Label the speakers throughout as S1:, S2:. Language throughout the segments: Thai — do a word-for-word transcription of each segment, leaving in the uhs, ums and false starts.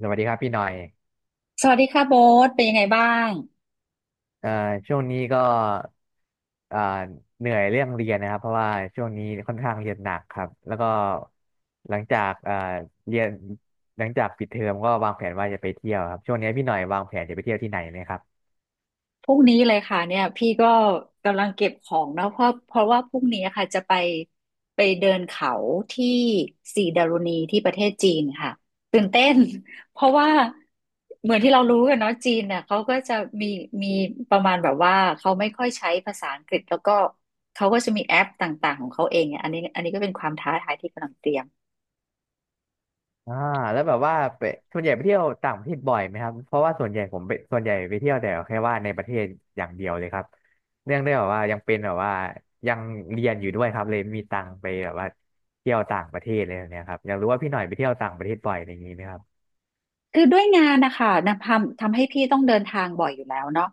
S1: สวัสดีครับพี่หน่อย
S2: สวัสดีค่ะโบ๊ทเป็นยังไงบ้าง
S1: เอ่อช่วงนี้ก็เอ่อเหนื่อยเรื่องเรียนนะครับเพราะว่าช่วงนี้ค่อนข้างเรียนหนักครับแล้วก็หลังจากเอ่อเรียนหลังจากปิดเทอมก็วางแผนว่าจะไปเที่ยวครับช่วงนี้พี่หน่อยวางแผนจะไปเที่ยวที่ไหนไหมครับ
S2: พรุ่งนี้เลยค่ะเนี่ยพี่ก็กำลังเก็บของนะเพราะเพราะว่าพรุ่งนี้ค่ะจะไปไปเดินเขาที่สีดารุณีที่ประเทศจีนค่ะตื่นเต้น เพราะว่าเหมือนที่เรารู้กันเนาะจีนเนี่ยเขาก็จะมีมีประมาณแบบว่าเขาไม่ค่อยใช้ภาษาอังกฤษแล้วก็เขาก็จะมีแอปต่างๆของเขาเองเนี่ยอันนี้อันนี้ก็เป็นความท้าทายที่กำลังเตรียม
S1: อ่าแล้วแบบว่าไปส่วนใหญ่ไปเที่ยวต่างประเทศบ่อยไหมครับเพราะว่าส่วนใหญ่ผมไปส่วนใหญ่ไปเที่ยวแต่แค่ว่าในประเทศอย่างเดียวเลยครับเนื่องได้วแบบว่ายังเป็นแบบว่ายังเรียนอยู่ด้วยครับเลยไม่มีตังค์ไปแบบว่าเที่ยวต่างประเทศอลยแบบเนี้ยครับอยากรู้ว่าพี่หน่อยไปเที่ยวต่างประเทศบ่อยอะไรอย่างนี้ไหมครับ
S2: คือด้วยงานนะคะนะทำทำให้พี่ต้องเดินทางบ่อยอยู่แล้วเนาะ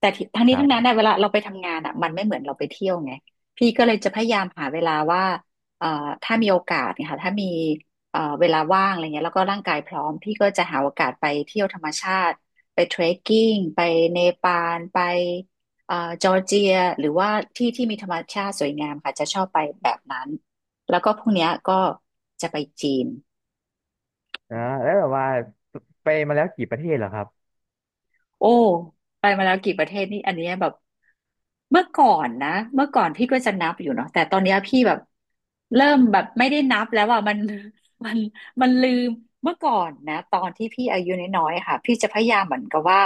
S2: แต่ที่ทั้ง
S1: ค
S2: นี้
S1: รับ
S2: ทั้ง
S1: ผ
S2: นั้นเนี่ย
S1: ม
S2: เวลาเราไปทำงานอ่ะมันไม่เหมือนเราไปเที่ยวไงพี่ก็เลยจะพยายามหาเวลาว่าเอ่อถ้ามีโอกาสเนี่ยค่ะถ้ามีเอ่อเวลาว่างอะไรเงี้ยแล้วก็ร่างกายพร้อมพี่ก็จะหาโอกาสไปเที่ยวธรรมชาติไปเทรคกิ้งไปเนปาลไปเอ่อจอร์เจียหรือว่าที่ที่มีธรรมชาติสวยงามค่ะจะชอบไปแบบนั้นแล้วก็พรุ่งเนี้ยก็จะไปจีน
S1: อ่าแล้วแบบว่าไปมาแล้วกี่ประเทศเหรอครับ
S2: โอ้ไปมาแล้วกี่ประเทศนี่อันเนี้ยแบบเมื่อก่อนนะเมื่อก่อนพี่ก็จะนับอยู่เนาะแต่ตอนเนี้ยพี่แบบเริ่มแบบไม่ได้นับแล้วอ่ะมัน มันมันลืมเมื่อก่อนนะตอนที่พี่อายุน้อยๆค่ะพี่จะพยายามเหมือนกับว่า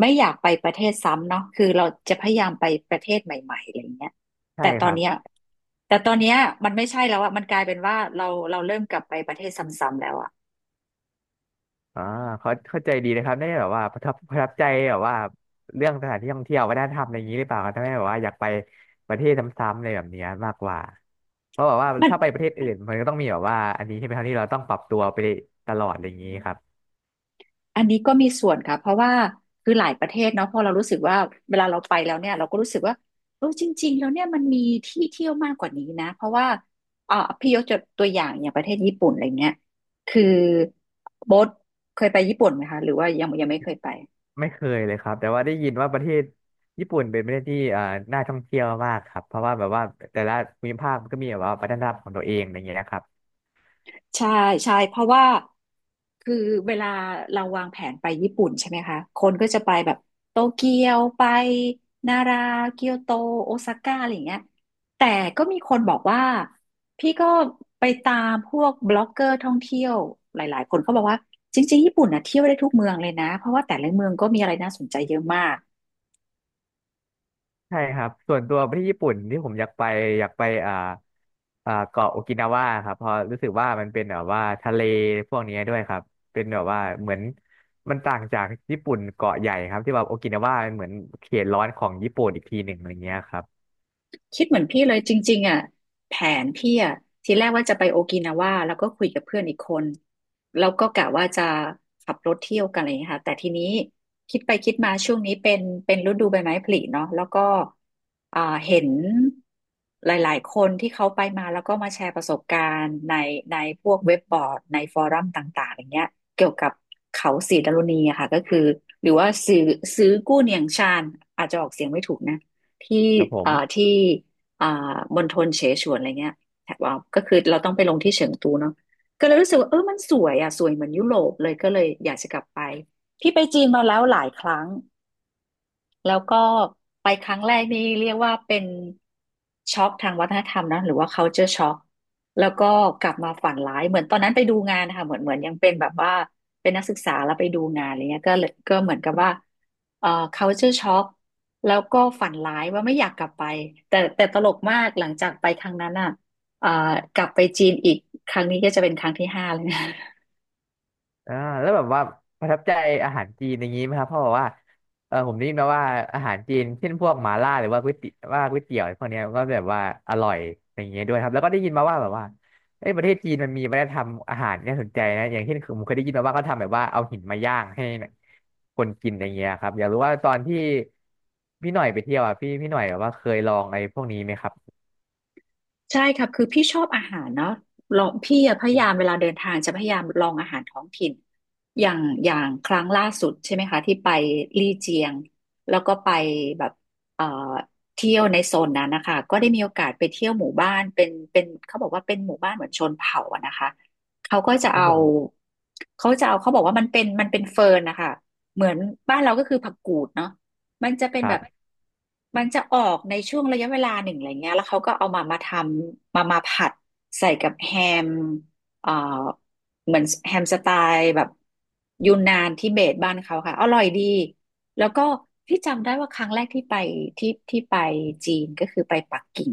S2: ไม่อยากไปประเทศซ้ำเนาะคือเราจะพยายามไปประเทศใหม่ๆอะไรเงี้ย
S1: ใช่
S2: แต่ต
S1: ค
S2: อน
S1: รับ
S2: เนี้ยแต่ตอนเนี้ยมันไม่ใช่แล้วอะมันกลายเป็นว่าเราเราเริ่มกลับไปประเทศซ้ำๆแล้วอะ
S1: อ่าเขาเข้าใจดีนะครับได้แบบว่าประทับประทับใจแบบว่าเรื่องสถานที่ท่องเที่ยววัฒนธรรมอะไรอย่างนี้หรือเปล่าครับทำให้แบบว่าอยากไปประเทศซ้ำๆอะไรแบบเนี้ยมากกว่าเพราะแบบว่า
S2: มัน
S1: ถ้าไปประเทศอื่นมันก็ต้องมีแบบว่าอันนี้ใช่ไหมครับที่เราต้องปรับตัวไปตลอดอะไรอย่างนี้ครับ
S2: อันนี้ก็มีส่วนค่ะเพราะว่าคือหลายประเทศเนาะพอเรารู้สึกว่าเวลาเราไปแล้วเนี่ยเราก็รู้สึกว่าเออจริงๆแล้วเนี่ยมันมีที่เที่ยวมากกว่านี้นะเพราะว่าเอ่อพี่ยกตัวอย่างอย่างประเทศญี่ปุ่นอะไรเงี้ยคือโบ๊ทเคยไปญี่ปุ่นไหมคะหรือว่ายังยังไม่เคยไป
S1: ไม่เคยเลยครับแต่ว่าได้ยินว่าประเทศญี่ปุ่นเป็นประเทศที่เอ่อน่าท่องเที่ยวมากครับเพราะว่าแบบว่าแต่ละภูมิภาคมันก็มีแบบว่าวัฒนธรรมของตัวเองอะไรอย่างเงี้ยนะครับ
S2: ใช่ใช่เพราะว่าคือเวลาเราวางแผนไปญี่ปุ่นใช่ไหมคะคนก็จะไปแบบโตเกียวไปนาราเกียวโตโอซาก้าอะไรอย่างเงี้ยแต่ก็มีคนบอกว่าพี่ก็ไปตามพวกบล็อกเกอร์ท่องเที่ยวหลายๆคนเขาบอกว่าจริงๆญี่ปุ่นนะเที่ยวได้ทุกเมืองเลยนะเพราะว่าแต่ละเมืองก็มีอะไรน่าสนใจเยอะมาก
S1: ใช่ครับส่วนตัวไปที่ญี่ปุ่นที่ผมอยากไปอยากไปอ่าอ่าเกาะโอกินาวาครับเพราะรู้สึกว่ามันเป็นแบบว่าทะเลพวกนี้ด้วยครับเป็นแบบว่าเหมือนมันต่างจากญี่ปุ่นเกาะใหญ่ครับที่แบบโอกินาวามันเหมือนเขตร้อนของญี่ปุ่นอีกทีหนึ่งอะไรเงี้ยครับ
S2: คิดเหมือนพี่เลยจริงๆอ่ะแผนพี่อ่ะทีแรกว่าจะไปโอกินาว่าแล้วก็คุยกับเพื่อนอีกคนแล้วก็กะว่าจะขับรถเที่ยวกันอะไรอย่างเงี้ยค่ะแต่ทีนี้คิดไปคิดมาช่วงนี้เป็นเป็นฤดูใบไม้ผลิเนาะแล้วก็อ่าเห็นหลายๆคนที่เขาไปมาแล้วก็มาแชร์ประสบการณ์ในในพวกเว็บบอร์ดในฟอรัมต่างๆอย่างเงี้ยเกี่ยวกับเขาสีดารุณีอะค่ะก็คือหรือว่าซื้อซื้อกู้เนียงชานอาจจะออกเสียงไม่ถูกนะ ที่
S1: ครับผม
S2: อ่าที่อ่ามณฑลเสฉวนอะไรเงี้ยแถบว่าก็คือเราต้องไปลงที่เฉิงตูเนาะก็เลยรู้สึกว่าเออมันสวยอ่ะสวยเหมือนยุโรปเลย ก็เลยอยากจะกลับไป พี่ไปจีนมาแล้วหลายครั้ง แล้วก็ไปครั้งแรกนี่เรียกว่าเป็นช็อกทางวัฒนธรรมนะหรือว่า culture shock แล้วก็กลับมาฝันร้ายเหมือนตอนนั้นไปดูงานนะคะเหมือนเหมือนยังเป็นแบบว่าเป็นนักศึกษาแล้วไปดูงานอะไรเงี้ยก็เลยก็เหมือนกับว่าเอ่อ culture shock แล้วก็ฝันร้ายว่าไม่อยากกลับไปแต่แต่ตลกมากหลังจากไปครั้งนั้นอ่ะเอ่อกลับไปจีนอีกครั้งนี้ก็จะเป็นครั้งที่ห้าเลยนะ
S1: อ่าแล้วแบบว่าประทับใจอาหารจีนอย่างนี้ไหมครับเพราะแบบว่าเออผมได้ยินมาว่าอาหารจีนเช่นพวกหม่าล่าหรือว่าก๋วยเตี๋ยวว่าก๋วยเตี๋ยวพวกเนี้ยก็แบบว่าอร่อยอย่างเงี้ยด้วยครับแล้วก็ได้ยินมาว่าแบบว่าเอ้ยประเทศจีนมันมีวัฒนธรรมอาหารที่น่าสนใจนะอย่างเช่นคือผมเคยได้ยินมาว่าเขาทำแบบว่าเอาหินมาย่างให้คนกินอย่างเงี้ยครับอยากรู้ว่าตอนที่พี่หน่อยไปเที่ยวอ่ะพี่พี่หน่อยแบบว่าเคยลองอะไรพวกนี้ไหมครับ
S2: ใช่ครับคือพี่ชอบอาหารเนาะลองพี่อะพยายามเวลาเดินทางจะพยายามลองอาหารท้องถิ่นอย่างอย่างครั้งล่าสุดใช่ไหมคะที่ไปลี่เจียงแล้วก็ไปแบบเอ่อเที่ยวในโซนนั้นนะคะก็ได้มีโอกาสไปเที่ยวหมู่บ้านเป็นเป็นเขาบอกว่าเป็นหมู่บ้านเหมือนชนเผ่าอะนะคะเขาก็จะ
S1: ครับ
S2: เอา
S1: ผม
S2: เขาจะเอาเขาบอกว่ามันเป็นมันเป็นเฟิร์นนะคะเหมือนบ้านเราก็คือผักกูดเนาะ มันจะเป็น
S1: ค
S2: แบบ
S1: รับ
S2: มันจะออกในช่วงระยะเวลาหนึ่งอะไรเงี้ยแล้วเขาก็เอามามาทำมามาผัดใส่กับแฮมเอ่อเหมือนแฮมสไตล์แบบยูนนานทิเบตบ้านเขาค่ะอร่อยดีแล้วก็ที่จำได้ว่าครั้งแรกที่ไปที่ที่ไปจีนก็คือไปปักกิ่ง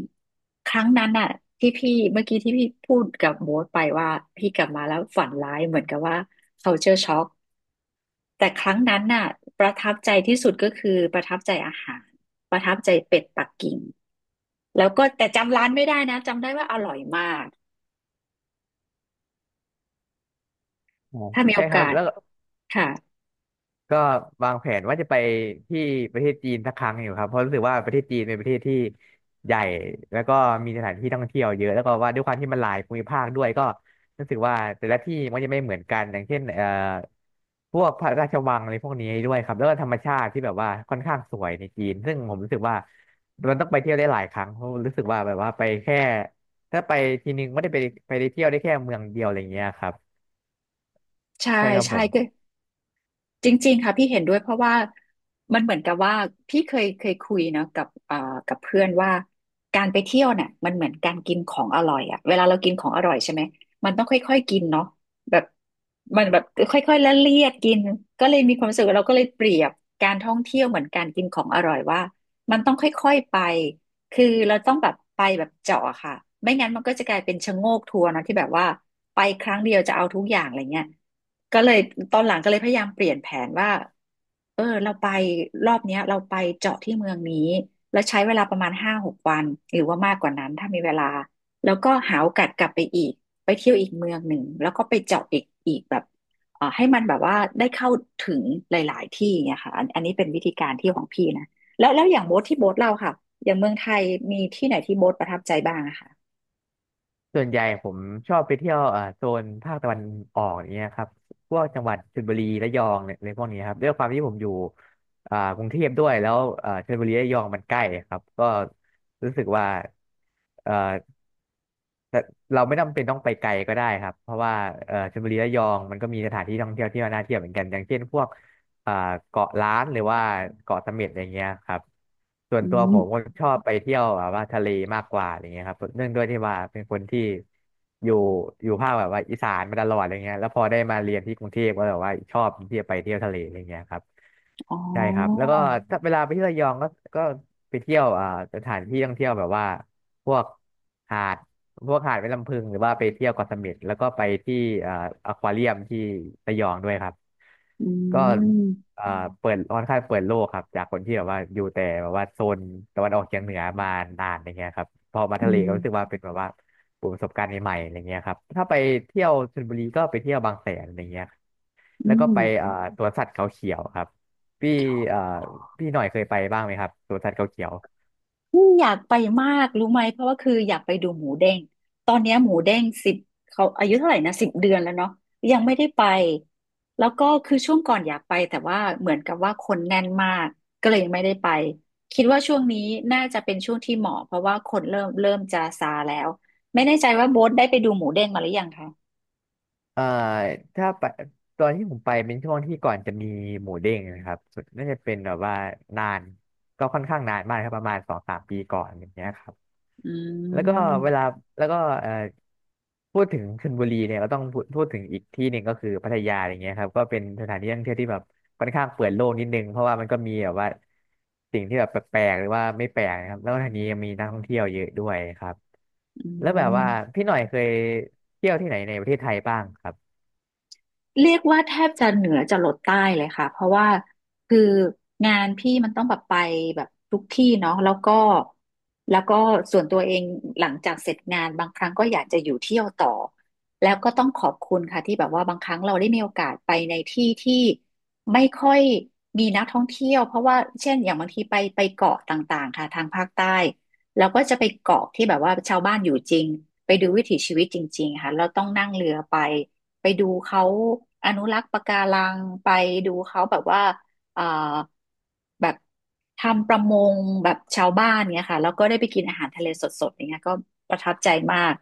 S2: ครั้งนั้นน่ะที่พี่เมื่อกี้ที่พี่พูดกับโบ๊ทไปว่าพี่กลับมาแล้วฝันร้ายเหมือนกับว่า culture shock แต่ครั้งนั้นน่ะประทับใจที่สุดก็คือประทับใจอาหารประทับใจเป็ดปักกิ่งแล้วก็แต่จำร้านไม่ได้นะจำได้ว่าอร่อยมาก
S1: อ๋อ
S2: ถ้ามีโอ
S1: ใช่ค
S2: กา
S1: รับ
S2: ส
S1: แล้ว
S2: ค่ะ
S1: ก็วางแผนว่าจะไปที่ประเทศจีนสักครั้งอยู่ครับเพราะรู้สึกว่าประเทศจีนเป็นประเทศที่ใหญ่แล้วก็มีสถานที่ท่องเที่ยวเยอะแล้วก็ว่าด้วยความที่มันหลายภูมิภาคด้วยก็รู้สึกว่าแต่ละที่มันจะไม่เหมือนกันอย่างเช่นเอ่อพวกพระราชวังอะไรพวกนี้ด้วยครับแล้วก็ธรรมชาติที่แบบว่าค่อนข้างสวยในจีนซึ่งผมรู้สึกว่ามันต้องไปเที่ยวได้หลายครั้งเพราะรู้สึกว่าแบบว่าไปแค่ถ้าไปทีนึงไม่ได้ไปไปได้เที่ยวได้แค่เมืองเดียวอะไรอย่างเงี้ยครับ
S2: ใช่
S1: ใช่ครับผ
S2: ใช่
S1: ม
S2: ก็ จริงๆค่ะพี่เห็นด้วยเพราะว่ามันเหมือนกับว่าพี่เคยเคยคุยเนาะกับเอ่อกับเพื่อนว่าการไปเที่ยวเนี่ยมันเหมือนการกินของอร่อยอะเวลาเรากินของอร่อยใช่ไหมมันต้องค่อยๆกินเนาะแบบมันแบบค่อยๆละเลียดกินก็เลยมีความรู้สึกว่าเราก็เลยเปรียบการท่องเที่ยวเหมือนการกินของอร่อยว่ามันต้องค่อยๆไปคือเราต้องแบบไปแบบเจาะอะค่ะไม่งั้นมันก็จะกลายเป็นชะโงกทัวร์เนาะที่แบบว่าไปครั้งเดียวจะเอาทุกอย่างอะไรเงี้ย ก็เลยตอนหลังก็เลยพยายามเปลี่ยนแผนว่า เออเราไปรอบเนี้ยเราไปเจาะที่เมืองนี้แล้วใช้เวลาประมาณห้าหกวันหรือว่ามากกว่านั้นถ้ามีเวลาแล้วก็หาโอกาสกลับไปอีกไปเที่ยวอีกเมืองหนึ่งแล้วก็ไปเจาะอีกอีกแบบเอ่อให้มันแบบว่าได้เข้าถึงหลายๆที่เนี่ยค่ะอันอันนี้เป็นวิธีการเที่ยวของพี่นะแล้วแล้วอย่างโบ๊ทที่โบ๊ทเราค่ะอย่างเมืองไทยมีที่ไหนที่โบ๊ทประทับใจบ้างอะค่ะ
S1: ส่วนใหญ่ผมชอบไปเที่ยวเอ่อโซนภาคตะวันออกอย่างเงี้ยครับพวกจังหวัดชลบุรีระยองเนี่ยในพวกนี้ครับด้วยความที่ผมอยู่อ่ากรุงเทพด้วยแล้วเอ่อชลบุรีระยองมันใกล้ครับก็รู้สึกว่าเอ่อ แต่เราไม่จำเป็นต้องไปไกลก็ได้ครับเพราะว่าเอ่อชลบุรีระยองมันก็มีสถานที่ท่องเที่ยวที่น่าเที่ยวเหมือนกันอย่างเช่นพวกเอ่อเกาะล้านหรือว่าเกาะเสม็ดอย่างเงี้ยครับส่วน
S2: อื
S1: ตัวผ
S2: ม
S1: มก็ชอบไปเที่ยวแบบว่าทะเลมากกว่าอย่างเงี้ยครับเนื่องด้วยที่ว่าเป็นคนที่อยู่อยู่ภาคแบบว่าอีสานมาตลอดอะไรเงี้ยแล้วพอได้มาเรียนที่กรุงเทพก็แบบว่าชอบที่จะไปเที่ยวทะเลอะไรเงี้ยครับ
S2: อ๋อ
S1: ใช่ครับแล้วก็ถ้าเวลาไปที่ระยองก็ก็ไปเที่ยวอ่าสถานที่ท่องเที่ยวแบบว่าพวกหาดพวกหาดแม่ลำพึงหรือว่าไปเที่ยวเกาะเสม็ดแล้วก็ไปที่อ่าอควาเรียมที่ระยองด้วยครับ
S2: อื
S1: ก็
S2: ม
S1: อ่าเปิดค่อนข้างเปิดโลกครับจากคนที่แบบว่าอยู่แต่แบบว่าโซนตะวันออกเฉียงเหนือมานานอย่างเงี้ยครับพอมา
S2: อื
S1: ทะเลก็รู้สึกว่า
S2: ม
S1: เป็นแบบว่าประสบการณ์ใหม่ๆอะไรเงี้ยครับถ้าไปเที่ยวชลบุรีก็ไปเที่ยวบางแสนอะไรเงี้ย
S2: อื
S1: แล้วก็ไปเอ่อ
S2: ม
S1: สวนสัตว์เขาเขียวครับพี่เอ่อพี่หน่อยเคยไปบ้างไหมครับสวนสัตว์เขาเขียว
S2: นี่อยากไปมากรู้ไหมเพราะว่าคืออยากไปดูหมูเด้งตอนเนี้ยหมูเด้งสิบเขาอายุเท่าไหร่นะสิบเดือนแล้วเนาะยังไม่ได้ไปแล้วก็คือช่วงก่อนอยากไปแต่ว่าเหมือนกับว่าคนแน่นมากก็เลยยังไม่ได้ไปคิดว่าช่วงนี้น่าจะเป็นช่วงที่เหมาะเพราะว่าคนเริ่มเริ่มจะซาแล้วไม่แน่ใจว่าโบ๊ทได้ไปดูหมูเด้งมาหรือยังคะ
S1: เอ่อถ้าไปตอนที่ผมไปเป็นช่วงที่ก่อนจะมีหมูเด้งนะครับสุดน่าจะเป็นแบบว่านานก็ค่อนข้างนานมากครับประมาณสองสามปีก่อนอย่างเงี้ยครับ
S2: อื
S1: แล้วก็เวลา
S2: ม
S1: แล้วก็เอ่อพูดถึงชลบุรีเนี่ยก็ต้องพูดพูดถึงอีกที่หนึ่งก็คือพัทยาอย่างเงี้ยครับก็เป็นสถานที่ท่องเที่ยวที่แบบค่อนข้างเปิดโลกนิดนึงเพราะว่ามันก็มีแบบว่าสิ่งที่แบบแปลกๆหรือว่าไม่แปลกนะครับแล้วก็ทางนี้ยังมีนักท่องเที่ยวเยอะด้วยครับ
S2: อื
S1: แล้วแบบว่า
S2: ม
S1: พี่หน่อยเคยเที่ยวที่ไหนในประเทศไทยบ้างครับ
S2: เรียกว่าแทบจะเหนือจะลดใต้เลยค่ะเพราะว่าคืองานพี่มันต้องแบบไปแบบทุกที่เนาะแล้วก็แล้วก็ส่วนตัวเองหลังจากเสร็จงานบางครั้งก็อยากจะอยู่เที่ยวต่อแล้วก็ต้องขอบคุณค่ะที่แบบว่าบางครั้งเราได้มีโอกาสไปในที่ที่ไม่ค่อยมีนักท่องเที่ยวเพราะว่าเช่นอย่างบางทีไปไปเกาะต่างๆค่ะทางภาคใต้แล้วก็จะไปเกาะที่แบบว่าชาวบ้านอยู่จริงไปดูวิถีชีวิตจริงๆค่ะเราต้องนั่งเรือไป ไปดูเขาอนุรักษ์ปะการังไปดูเขาแบบว่าเอ่อแบบทำประมงแบบชาวบ้านเนี่ยค่ะแล้วก็ได้ไปกินอาหารทะเลสดๆอย่างเงี้ยก็ประทับใจมาก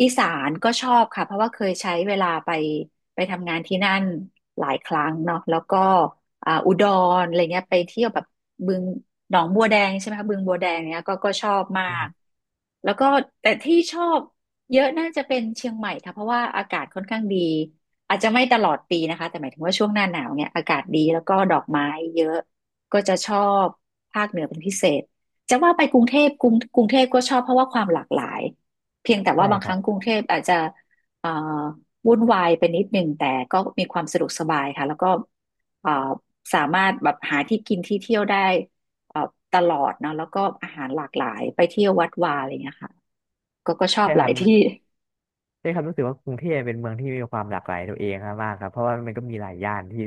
S2: อีสานก็ชอบค่ะเพราะว่าเคยใช้เวลาไปไปทำงานที่นั่นหลายครั้งเนาะแล้วก็อ่าอุดรอะไรเงี้ยไปเที่ยวแบบบึงหนองบัวแดงใช่ไหมคะบึงบัวแดงเนี้ยก็ก็ชอบมากแล้วก็แต่ที่ชอบ เยอะน่าจะเป็นเชียงใหม่ค่ะเพราะว่าอากาศค่อนข้างดีอาจจะไม่ตลอดปีนะคะแต่หมายถึงว่าช่วงหน้าหนาวเนี่ยอากาศดีแล้วก็ดอกไม้เยอะก็จะชอบภาคเหนือเป็นพิเศษจะว่าไปกรุงเทพกรุงกรุงเทพก็ชอบเพราะว่าความหลากหลายเพียงแต่ว่า
S1: ใช่
S2: บาง
S1: ค
S2: ค
S1: รั
S2: รั้ง
S1: บ
S2: กรุงเทพอาจจะเอ่อวุ่นวายไปนิดหนึ่งแต่ก็มีความสะดวกสบายค่ะแล้วก็เอ่อสามารถแบบหาที่กินที่เที่ยวได้เอ่อตลอดเนาะแล้วก็อาหารหลากหลายไปเที่ยววัดวาอะไรอย่างเงี้ยค่ะก็ก็ชอบ
S1: ใช่
S2: ห
S1: ค
S2: ลา
S1: รับ
S2: ยที่
S1: ใช่ครับรู้สึกว่ากรุงเทพเป็นเมืองที่มีความหลากหลายตัวเองมากครับเพราะว่ามันก็มีหลายย่านที่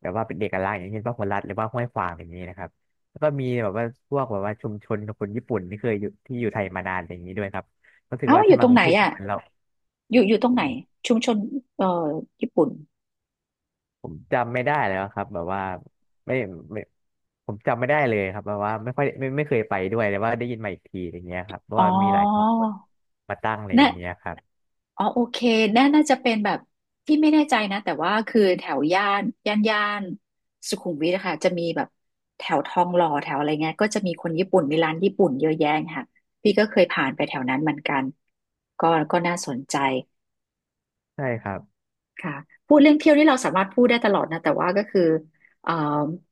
S1: แบบว่าเป็นเอกลักษณ์อย่างเช่นพหลรัฐหรือว่าห้วยขวางอย่างนี้นะครับแล้วก็มีแบบว่าพวกแบบว่าชุมชนคนญี่ปุ่นที่เคยอยู่ที่อยู่ไทยมานานอย่างนี้ด้วยครับรู้สึก
S2: เอ้า
S1: ว่า
S2: อ
S1: ถ้า
S2: ยู่ต
S1: มา
S2: ร
S1: ก
S2: ง
S1: รุ
S2: ไหน
S1: งเทพก็
S2: อ่ะ
S1: เหมือนเรา
S2: อยู่อยู่ตรง
S1: ผ
S2: ไหน
S1: ม
S2: ชุมชนเอ่อญี่ปุ่น
S1: ผมจำไม่ได้แล้วครับแบบว่าไม่ไม่ผมจำไม่ได้เลยครับแบบว่าไม่ค่อยไม่ไม่เคยไปด้วยแต่ว่าได้ยินมาอีกทีอย่างเงี้ยครับเพราะ
S2: อ๋อ
S1: ว่ามีหลายชุมชนมาตั้งเลยอ
S2: น่ะ
S1: ย่างเงี้ยครับ
S2: อ๋อโอเคน่าน่าจะเป็นแบบที่ไม่แน่ใจนะแต่ว่าคือแถวย่านย่านย่านสุขุมวิทนะคะจะมีแบบแถวทองหล่อแถวอะไรเงี้ยก็จะมีคนญี่ปุ่นมีร้านญี่ปุ่นเยอะแยะค่ะพี่ก็เคยผ่านไปแถวนั้นเหมือนกันก็ก็น่าสนใจ
S1: ใช่ครับ
S2: ค่ะพูดเรื่องเที่ยวนี่เราสามารถพูดได้ตลอดนะแต่ว่าก็คือเอ่อ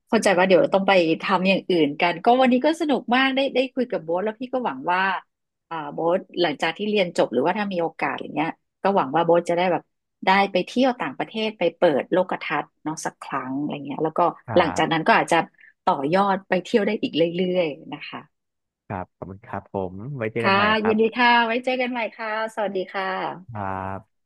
S2: เข้าใจว่าเดี๋ยวต้องไปทำอย่างอื่นกันก็วันนี้ก็สนุกมากได้ได้คุยกับโบ๊ทแล้วพี่ก็หวังว่าอ่าโบ๊ทหลังจากที่เรียนจบหรือว่าถ้ามีโอกาสอย่างเงี้ยก็หวังว่าโบ๊ทจะได้แบบได้ไปเที่ยวต่างประเทศไปเปิดโลกทัศน์เนาะสักครั้งอะไรเงี้ยแล้วก็
S1: ครั
S2: หลังจากนั้
S1: บ
S2: นก็อาจจะต่อยอดไปเที่ยวได้อีกเรื่อยๆนะคะ
S1: ครับขอบคุณครับผมไว้เจอกั
S2: ค่ะ
S1: นใหม่ครั
S2: ยินดี
S1: บ
S2: ค่ะไว้เจอกันใหม่ค่ะสวัสดีค่
S1: ค
S2: ะ
S1: รับ